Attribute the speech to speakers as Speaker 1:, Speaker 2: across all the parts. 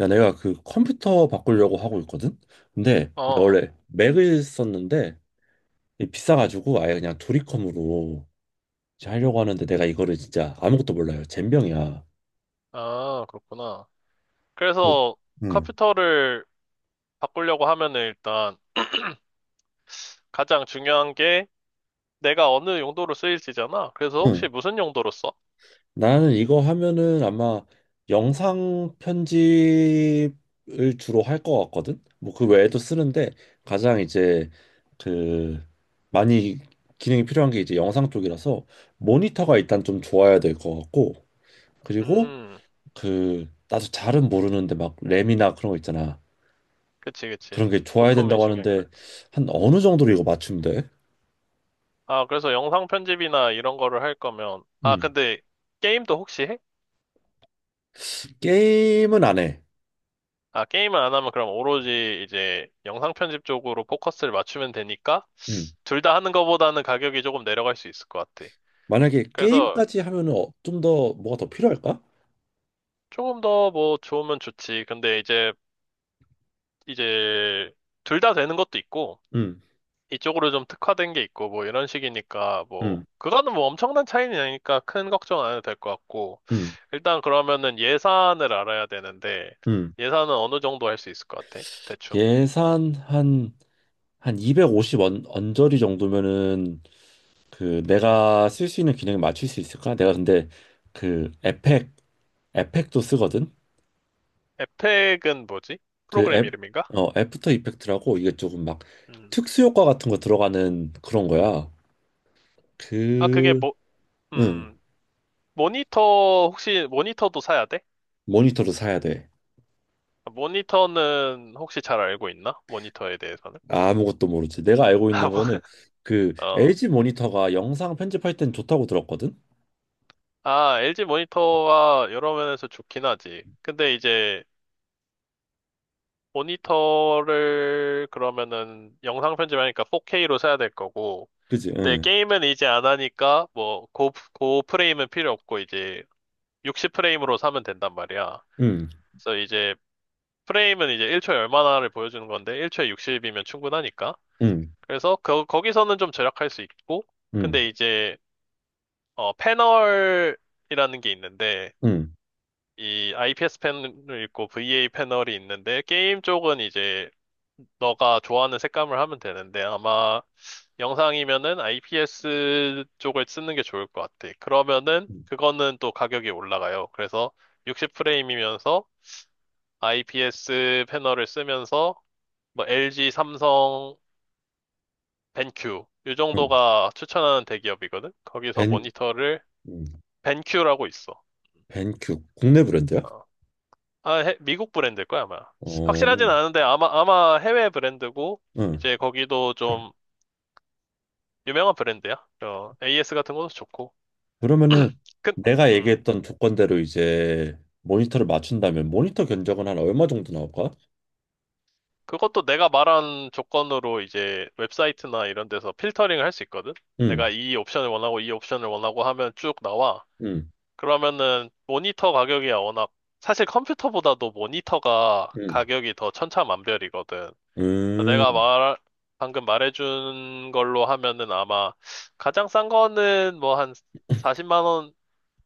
Speaker 1: 야, 내가 그 컴퓨터 바꾸려고 하고 있거든? 근데 내가
Speaker 2: 어,
Speaker 1: 원래 맥을 썼는데 이게 비싸가지고 아예 그냥 도리컴으로 이제 하려고 하는데 내가 이거를 진짜 아무것도 몰라요. 젬병이야.
Speaker 2: 아, 그렇구나.
Speaker 1: 응.
Speaker 2: 그래서 컴퓨터를 바꾸려고 하면은 일단 가장 중요한 게 내가 어느 용도로 쓰일지잖아. 그래서
Speaker 1: 응. 응.
Speaker 2: 혹시 무슨 용도로 써?
Speaker 1: 나는 이거 하면은 아마 영상 편집을 주로 할 것 같거든? 뭐 그 외에도 쓰는데 가장 이제 그 많이 기능이 필요한 게 이제 영상 쪽이라서 모니터가 일단 좀 좋아야 될 것 같고, 그리고
Speaker 2: 음,
Speaker 1: 그 나도 잘은 모르는데 막 램이나 그런 거 있잖아.
Speaker 2: 그치, 그치.
Speaker 1: 그런 게 좋아야
Speaker 2: 부품이
Speaker 1: 된다고
Speaker 2: 중요하긴
Speaker 1: 하는데
Speaker 2: 하지.
Speaker 1: 한 어느 정도로 이거 맞춘돼.
Speaker 2: 아, 그래서 영상 편집이나 이런 거를 할 거면, 아,
Speaker 1: 음.
Speaker 2: 근데 게임도 혹시 해?
Speaker 1: 게임은 안 해.
Speaker 2: 아, 게임을 안 하면 그럼 오로지 이제 영상 편집 쪽으로 포커스를 맞추면 되니까
Speaker 1: 음.
Speaker 2: 둘 다 하는 거보다는 가격이 조금 내려갈 수 있을 것 같아.
Speaker 1: 만약에
Speaker 2: 그래서
Speaker 1: 게임까지 하면은 좀더 뭐가 더 필요할까?
Speaker 2: 조금 더 뭐 좋으면 좋지. 근데 이제 둘 다 되는 것도 있고
Speaker 1: 음.
Speaker 2: 이쪽으로 좀 특화된 게 있고 뭐 이런 식이니까
Speaker 1: 음.
Speaker 2: 뭐 그거는 뭐 엄청난 차이는 아니니까 큰 걱정 안 해도 될 것 같고
Speaker 1: 음.
Speaker 2: 일단 그러면은 예산을 알아야 되는데
Speaker 1: 음.
Speaker 2: 예산은 어느 정도 할 수 있을 것 같아? 대충.
Speaker 1: 예산 한 250원 언저리 정도면은 그 내가 쓸 수 있는 기능에 맞출 수 있을까? 내가 근데 그 에펙도 쓰거든.
Speaker 2: 에펙은 뭐지?
Speaker 1: 그
Speaker 2: 프로그램 이름인가?
Speaker 1: 애프터 이펙트라고 이게 조금 막
Speaker 2: 음.
Speaker 1: 특수 효과 같은 거 들어가는 그런 거야.
Speaker 2: 아 그게
Speaker 1: 그,
Speaker 2: 뭐
Speaker 1: 응,
Speaker 2: 음. 모니터 혹시 모니터도 사야 돼?
Speaker 1: 모니터를 사야 돼.
Speaker 2: 모니터는 혹시 잘 알고 있나? 모니터에 대해서는?
Speaker 1: 아무것도 모르지. 내가 알고
Speaker 2: 아,
Speaker 1: 있는
Speaker 2: 뭐,
Speaker 1: 거는 그
Speaker 2: 어.
Speaker 1: LG 모니터가 영상 편집할 땐 좋다고 들었거든.
Speaker 2: 아, LG 모니터가 여러 면에서 좋긴 하지. 근데 이제 모니터를 그러면은 영상 편집하니까 4K로 사야 될 거고.
Speaker 1: 그지?
Speaker 2: 근데
Speaker 1: 응,
Speaker 2: 게임은 이제 안 하니까 뭐 고 프레임은 필요 없고 이제 60 프레임으로 사면 된단 말이야.
Speaker 1: 응,
Speaker 2: 그래서 이제 프레임은 이제 1초에 얼마나를 보여주는 건데 1초에 60이면 충분하니까.
Speaker 1: 응,
Speaker 2: 그래서 거기서는 좀 절약할 수 있고.
Speaker 1: 응,
Speaker 2: 근데 이제 패널이라는 게 있는데
Speaker 1: 응,
Speaker 2: 이 IPS 패널이 있고 VA 패널이 있는데 게임 쪽은 이제 너가 좋아하는 색감을 하면 되는데 아마 영상이면은 IPS 쪽을 쓰는 게 좋을 것 같아. 그러면은
Speaker 1: 응,
Speaker 2: 그거는 또 가격이 올라가요. 그래서 60프레임이면서 IPS 패널을 쓰면서 뭐 LG, 삼성, 벤큐 이
Speaker 1: 응.
Speaker 2: 정도가 추천하는 대기업이거든. 거기서
Speaker 1: 벤,
Speaker 2: 모니터를
Speaker 1: 응,
Speaker 2: 벤큐라고 있어.
Speaker 1: 벤큐 국내 브랜드야?
Speaker 2: 어. 아, 미국 브랜드일 거야, 아마. 확실하진
Speaker 1: 어,
Speaker 2: 않은데, 아마 해외 브랜드고,
Speaker 1: 응.
Speaker 2: 이제 거기도 좀 유명한 브랜드야. AS 같은 것도 좋고.
Speaker 1: 그러면은
Speaker 2: 그,
Speaker 1: 내가
Speaker 2: 음,
Speaker 1: 얘기했던 조건대로 이제 모니터를 맞춘다면 모니터 견적은 한 얼마 정도 나올까?
Speaker 2: 그것도 내가 말한 조건으로 이제 웹사이트나 이런 데서 필터링을 할 수 있거든?
Speaker 1: 응.
Speaker 2: 내가 이 옵션을 원하고 이 옵션을 원하고 하면 쭉 나와.
Speaker 1: 음,
Speaker 2: 그러면은 모니터 가격이야, 워낙. 사실 컴퓨터보다도 모니터가
Speaker 1: 음,
Speaker 2: 가격이 더 천차만별이거든. 내가
Speaker 1: 음,
Speaker 2: 말, 방금 말해준 걸로 하면은 아마 가장 싼 거는 뭐 한 40만 원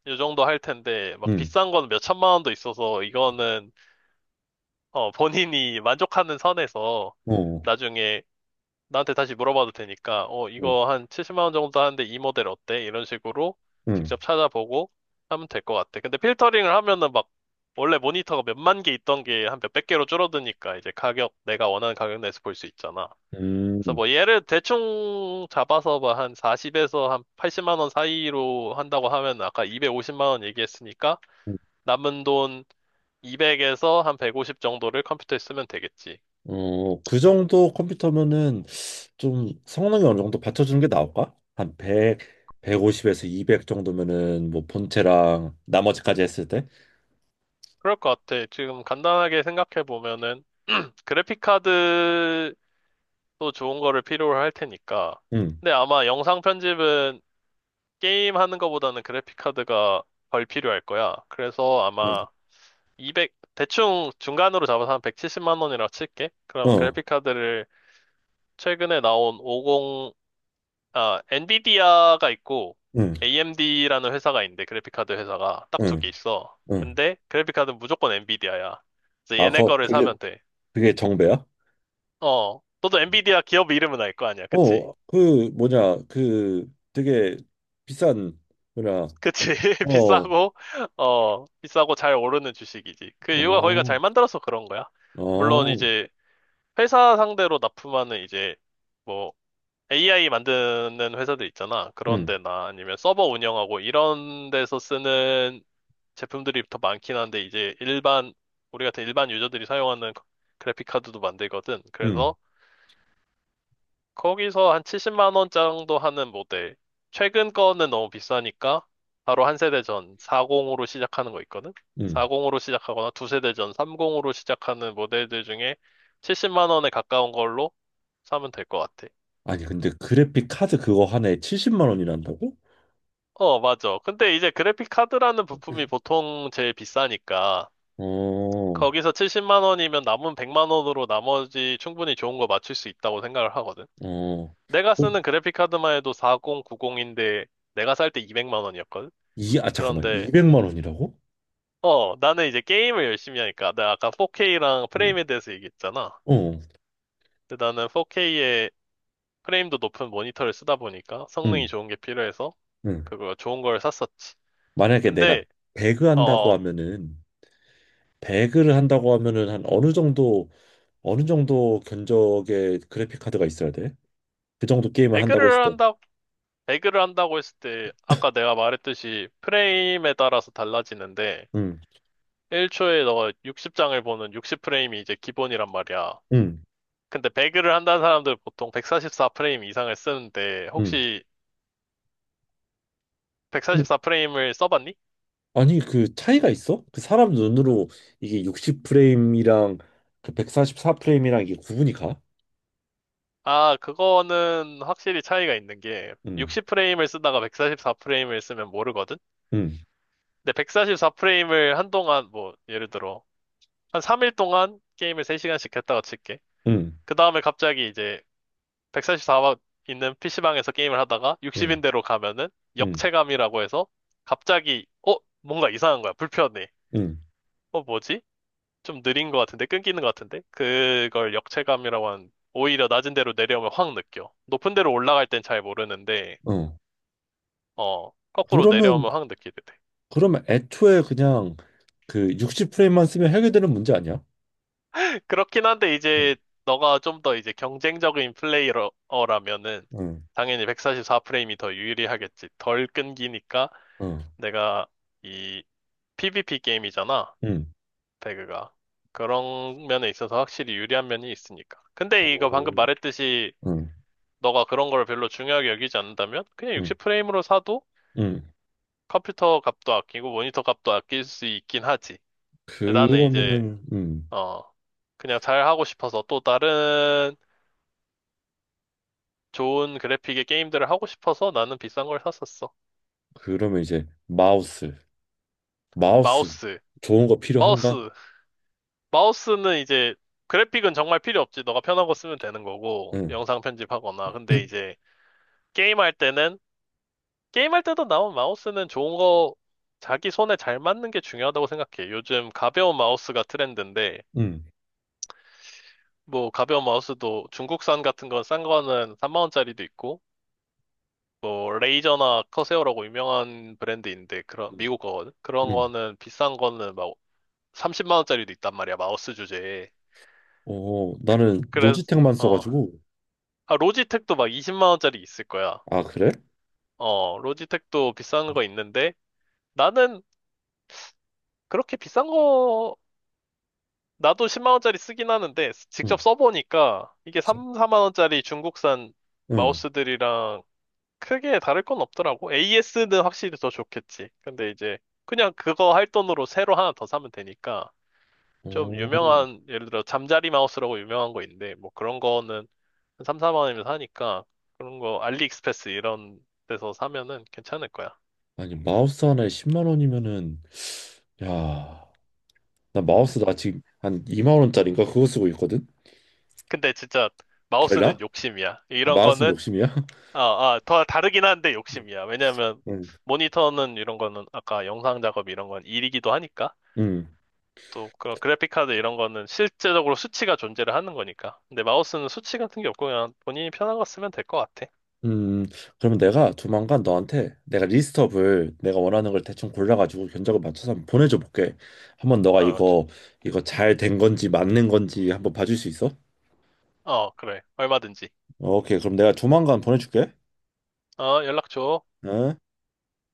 Speaker 2: 요 정도 할 텐데 막
Speaker 1: 음,
Speaker 2: 비싼 거는 몇 천만 원도 있어서 이거는 어, 본인이 만족하는 선에서
Speaker 1: 어,
Speaker 2: 나중에 나한테 다시 물어봐도 되니까 어,
Speaker 1: 음,
Speaker 2: 이거 한 70만 원 정도 하는데 이 모델 어때? 이런 식으로
Speaker 1: 음,
Speaker 2: 직접 찾아보고 하면 될 것 같아. 근데 필터링을 하면은 막 원래 모니터가 몇만 개 있던 게 한 몇백 개로 줄어드니까 이제 가격 내가 원하는 가격 내에서 볼 수 있잖아.
Speaker 1: 음,
Speaker 2: 그래서 뭐 얘를 대충 잡아서 뭐 한 40에서 한 80만 원 사이로 한다고 하면 아까 250만 원 얘기했으니까
Speaker 1: 음.
Speaker 2: 남은 돈 200에서 한 150 정도를 컴퓨터에 쓰면 되겠지.
Speaker 1: 어, 그 정도 컴퓨터면은 좀 성능이 어느 정도 받쳐주는 게 나올까? 한 100, 150에서 200 정도면은 뭐 본체랑 나머지까지 했을 때?
Speaker 2: 그럴 것 같아. 지금 간단하게 생각해 보면은 그래픽 카드도 좋은 거를 필요로 할 테니까.
Speaker 1: 음,
Speaker 2: 근데 아마 영상 편집은 게임 하는 거보다는 그래픽 카드가 덜 필요할 거야. 그래서
Speaker 1: 음,
Speaker 2: 아마 200, 대충 중간으로 잡아서 한 170만 원이라고 칠게. 그러면
Speaker 1: 어,
Speaker 2: 그래픽카드를 최근에 나온 50, 아, 엔비디아가 있고,
Speaker 1: 음,
Speaker 2: AMD라는 회사가 있는데, 그래픽카드 회사가 딱 두 개
Speaker 1: 음,
Speaker 2: 있어.
Speaker 1: 음.
Speaker 2: 근데 그래픽카드는 무조건 엔비디아야. 그래서
Speaker 1: 아,
Speaker 2: 얘네 거를 사면 돼.
Speaker 1: 그게 정배야?
Speaker 2: 너도 엔비디아 기업 이름은 알 거 아니야. 그치?
Speaker 1: 그, 뭐냐, 그 되게 비싼, 뭐냐,
Speaker 2: 그치?
Speaker 1: 어,
Speaker 2: 비싸고, 비싸고 잘 오르는 주식이지. 그 이유가 거기가
Speaker 1: 어,
Speaker 2: 잘 만들어서 그런 거야. 물론
Speaker 1: 어,
Speaker 2: 이제 회사 상대로 납품하는 이제, 뭐 AI 만드는 회사들 있잖아. 그런
Speaker 1: 음,
Speaker 2: 데나 아니면 서버 운영하고 이런 데서 쓰는 제품들이 더 많긴 한데 이제 일반 우리 같은 일반 유저들이 사용하는 그래픽 카드도 만들거든.
Speaker 1: 음.
Speaker 2: 그래서 거기서 한 70만 원 정도 하는 모델. 최근 거는 너무 비싸니까 바로 한 세대 전 40으로 시작하는 거 있거든.
Speaker 1: 음.
Speaker 2: 40으로 시작하거나 두 세대 전 30으로 시작하는 모델들 중에 70만 원에 가까운 걸로 사면 될 것 같아.
Speaker 1: 아니, 근데 그래픽 카드 그거 하나에 70만 원이란다고?
Speaker 2: 어, 맞아. 근데 이제 그래픽 카드라는 부품이 보통 제일 비싸니까
Speaker 1: 어, 어.
Speaker 2: 거기서 70만 원이면 남은 100만 원으로 나머지 충분히 좋은 거 맞출 수 있다고 생각을 하거든. 내가
Speaker 1: 헐,
Speaker 2: 쓰는 그래픽 카드만 해도 4090인데 내가 살 때 200만 원이었거든.
Speaker 1: 아, 잠깐만.
Speaker 2: 그런데
Speaker 1: 200만 원이라고?
Speaker 2: 나는 이제 게임을 열심히 하니까 내가 아까 4K랑
Speaker 1: 응.
Speaker 2: 프레임에 대해서 얘기했잖아.
Speaker 1: 어,
Speaker 2: 근데 나는 4K에 프레임도 높은 모니터를 쓰다 보니까 성능이
Speaker 1: 응,
Speaker 2: 좋은 게 필요해서
Speaker 1: 응.
Speaker 2: 그거 좋은 걸 샀었지.
Speaker 1: 만약에 내가
Speaker 2: 근데
Speaker 1: 배그
Speaker 2: 어,
Speaker 1: 한다고
Speaker 2: 어,
Speaker 1: 하면은, 배그를 한다고 하면은 한 어느 정도 견적의 그래픽 카드가 있어야 돼? 그 정도 게임을 한다고 했을
Speaker 2: 배그를
Speaker 1: 때.
Speaker 2: 한다 배그를 한다고 했을 때 아까 내가 말했듯이 프레임에 따라서 달라지는데
Speaker 1: 응,
Speaker 2: 1초에 너가 60장을 보는 60프레임이 이제 기본이란 말이야.
Speaker 1: 응,
Speaker 2: 근데 배그를 한다는 사람들 보통 144프레임 이상을 쓰는데
Speaker 1: 응.
Speaker 2: 혹시
Speaker 1: 아니,
Speaker 2: 144프레임을 써봤니?
Speaker 1: 아니, 그 차이가 있어? 그 사람 눈으로 이게 60프레임이랑 그 144프레임이랑 이게 구분이 가?
Speaker 2: 아, 그거는 확실히 차이가 있는 게
Speaker 1: 응,
Speaker 2: 60프레임을 쓰다가 144프레임을 쓰면 모르거든?
Speaker 1: 응.
Speaker 2: 근데 144프레임을 한동안 뭐 예를 들어 한 3일 동안 게임을 3시간씩 했다가 칠게.
Speaker 1: 응,
Speaker 2: 그 다음에 갑자기 이제 144만 있는 PC방에서 게임을 하다가
Speaker 1: 응,
Speaker 2: 60인대로 가면은
Speaker 1: 응,
Speaker 2: 역체감이라고 해서 갑자기 어? 뭔가 이상한 거야. 불편해.
Speaker 1: 응,
Speaker 2: 뭐지? 좀 느린 것 같은데? 끊기는 것 같은데? 그걸 역체감이라고 하는 오히려 낮은 데로 내려오면 확 느껴. 높은 데로 올라갈 땐 잘 모르는데
Speaker 1: 어. 음.
Speaker 2: 어, 거꾸로 내려오면
Speaker 1: 그러면,
Speaker 2: 확 느끼게 돼.
Speaker 1: 그러면 애초에 그냥 그 60프레임만 쓰면 해결되는 문제 아니야?
Speaker 2: 그렇긴 한데
Speaker 1: 응,
Speaker 2: 이제 너가 좀 더 이제 경쟁적인 플레이어라면은
Speaker 1: 응,
Speaker 2: 당연히 144프레임이 더 유리하겠지. 덜 끊기니까
Speaker 1: 응,
Speaker 2: 내가 이 PVP 게임이잖아,
Speaker 1: 응,
Speaker 2: 배그가. 그런 면에 있어서 확실히 유리한 면이 있으니까. 근데 이거
Speaker 1: 어,
Speaker 2: 방금 말했듯이
Speaker 1: 응,
Speaker 2: 너가 그런 걸 별로 중요하게 여기지 않는다면 그냥
Speaker 1: 응,
Speaker 2: 60프레임으로 사도
Speaker 1: 응.
Speaker 2: 컴퓨터 값도 아끼고 모니터 값도 아낄 수 있긴 하지. 근데 나는 이제,
Speaker 1: 그러면은, 응,
Speaker 2: 어, 그냥 잘 하고 싶어서 또 다른 좋은 그래픽의 게임들을 하고 싶어서 나는 비싼 걸 샀었어.
Speaker 1: 그러면 이제 마우스,
Speaker 2: 마우스.
Speaker 1: 좋은 거 필요한가?
Speaker 2: 마우스. 마우스는 이제 그래픽은 정말 필요 없지. 너가 편한 거 쓰면 되는 거고,
Speaker 1: 응,
Speaker 2: 영상 편집하거나. 근데 이제 게임할 때는, 게임할 때도 나온 마우스는 좋은 거, 자기 손에 잘 맞는 게 중요하다고 생각해. 요즘 가벼운 마우스가 트렌드인데,
Speaker 1: 응,
Speaker 2: 뭐, 가벼운 마우스도 중국산 같은 건 싼 거는 3만원짜리도 있고, 뭐, 레이저나 커세어라고 유명한 브랜드인데, 그런, 미국 거거든? 그런
Speaker 1: 응.
Speaker 2: 거는 비싼 거는 막 30만원짜리도 있단 말이야, 마우스 주제에.
Speaker 1: 나는
Speaker 2: 그래서,
Speaker 1: 노지텍만
Speaker 2: 어,
Speaker 1: 써가지고.
Speaker 2: 아, 로지텍도 막 20만원짜리 있을 거야.
Speaker 1: 아, 그래?
Speaker 2: 어, 로지텍도 비싼 거 있는데, 나는 그렇게 비싼 거 나도 10만 원짜리 쓰긴 하는데
Speaker 1: 응,
Speaker 2: 직접 써보니까 이게 3, 4만 원짜리 중국산
Speaker 1: 응.
Speaker 2: 마우스들이랑 크게 다를 건 없더라고. AS는 확실히 더 좋겠지. 근데 이제 그냥 그거 할 돈으로 새로 하나 더 사면 되니까 좀
Speaker 1: 오,
Speaker 2: 유명한 예를 들어 잠자리 마우스라고 유명한 거 있는데 뭐 그런 거는 한 3, 4만 원이면 사니까 그런 거 알리익스프레스 이런 데서 사면은 괜찮을 거야.
Speaker 1: 아니, 마우스 하나에 10만 원이면은, 야. 나 지금 한 2만 원짜리인가 그거 쓰고 있거든.
Speaker 2: 근데 진짜
Speaker 1: 달라?
Speaker 2: 마우스는 욕심이야.
Speaker 1: 아,
Speaker 2: 이런
Speaker 1: 마우스는
Speaker 2: 거는
Speaker 1: 욕심이야?
Speaker 2: 아, 아, 더 다르긴 한데 욕심이야. 왜냐면
Speaker 1: 응.
Speaker 2: 모니터는 이런 거는 아까 영상 작업 이런 건 일이기도 하니까.
Speaker 1: 음.
Speaker 2: 또 그런 그래픽 카드 이런 거는 실제적으로 수치가 존재를 하는 거니까. 근데 마우스는 수치 같은 게 없고 그냥 본인이 편한 거 쓰면 될 것 같아.
Speaker 1: 음. 그러면 내가 조만간 너한테 내가 리스트업을 내가 원하는 걸 대충 골라가지고 견적을 맞춰서 한번 보내줘 볼게. 한번 너가
Speaker 2: 어, 저-
Speaker 1: 이거 잘 된 건지 맞는 건지 한번 봐줄 수 있어?
Speaker 2: 어, 그래. 얼마든지.
Speaker 1: 오케이. 그럼 내가 조만간 보내줄게.
Speaker 2: 어, 연락 줘.
Speaker 1: 응?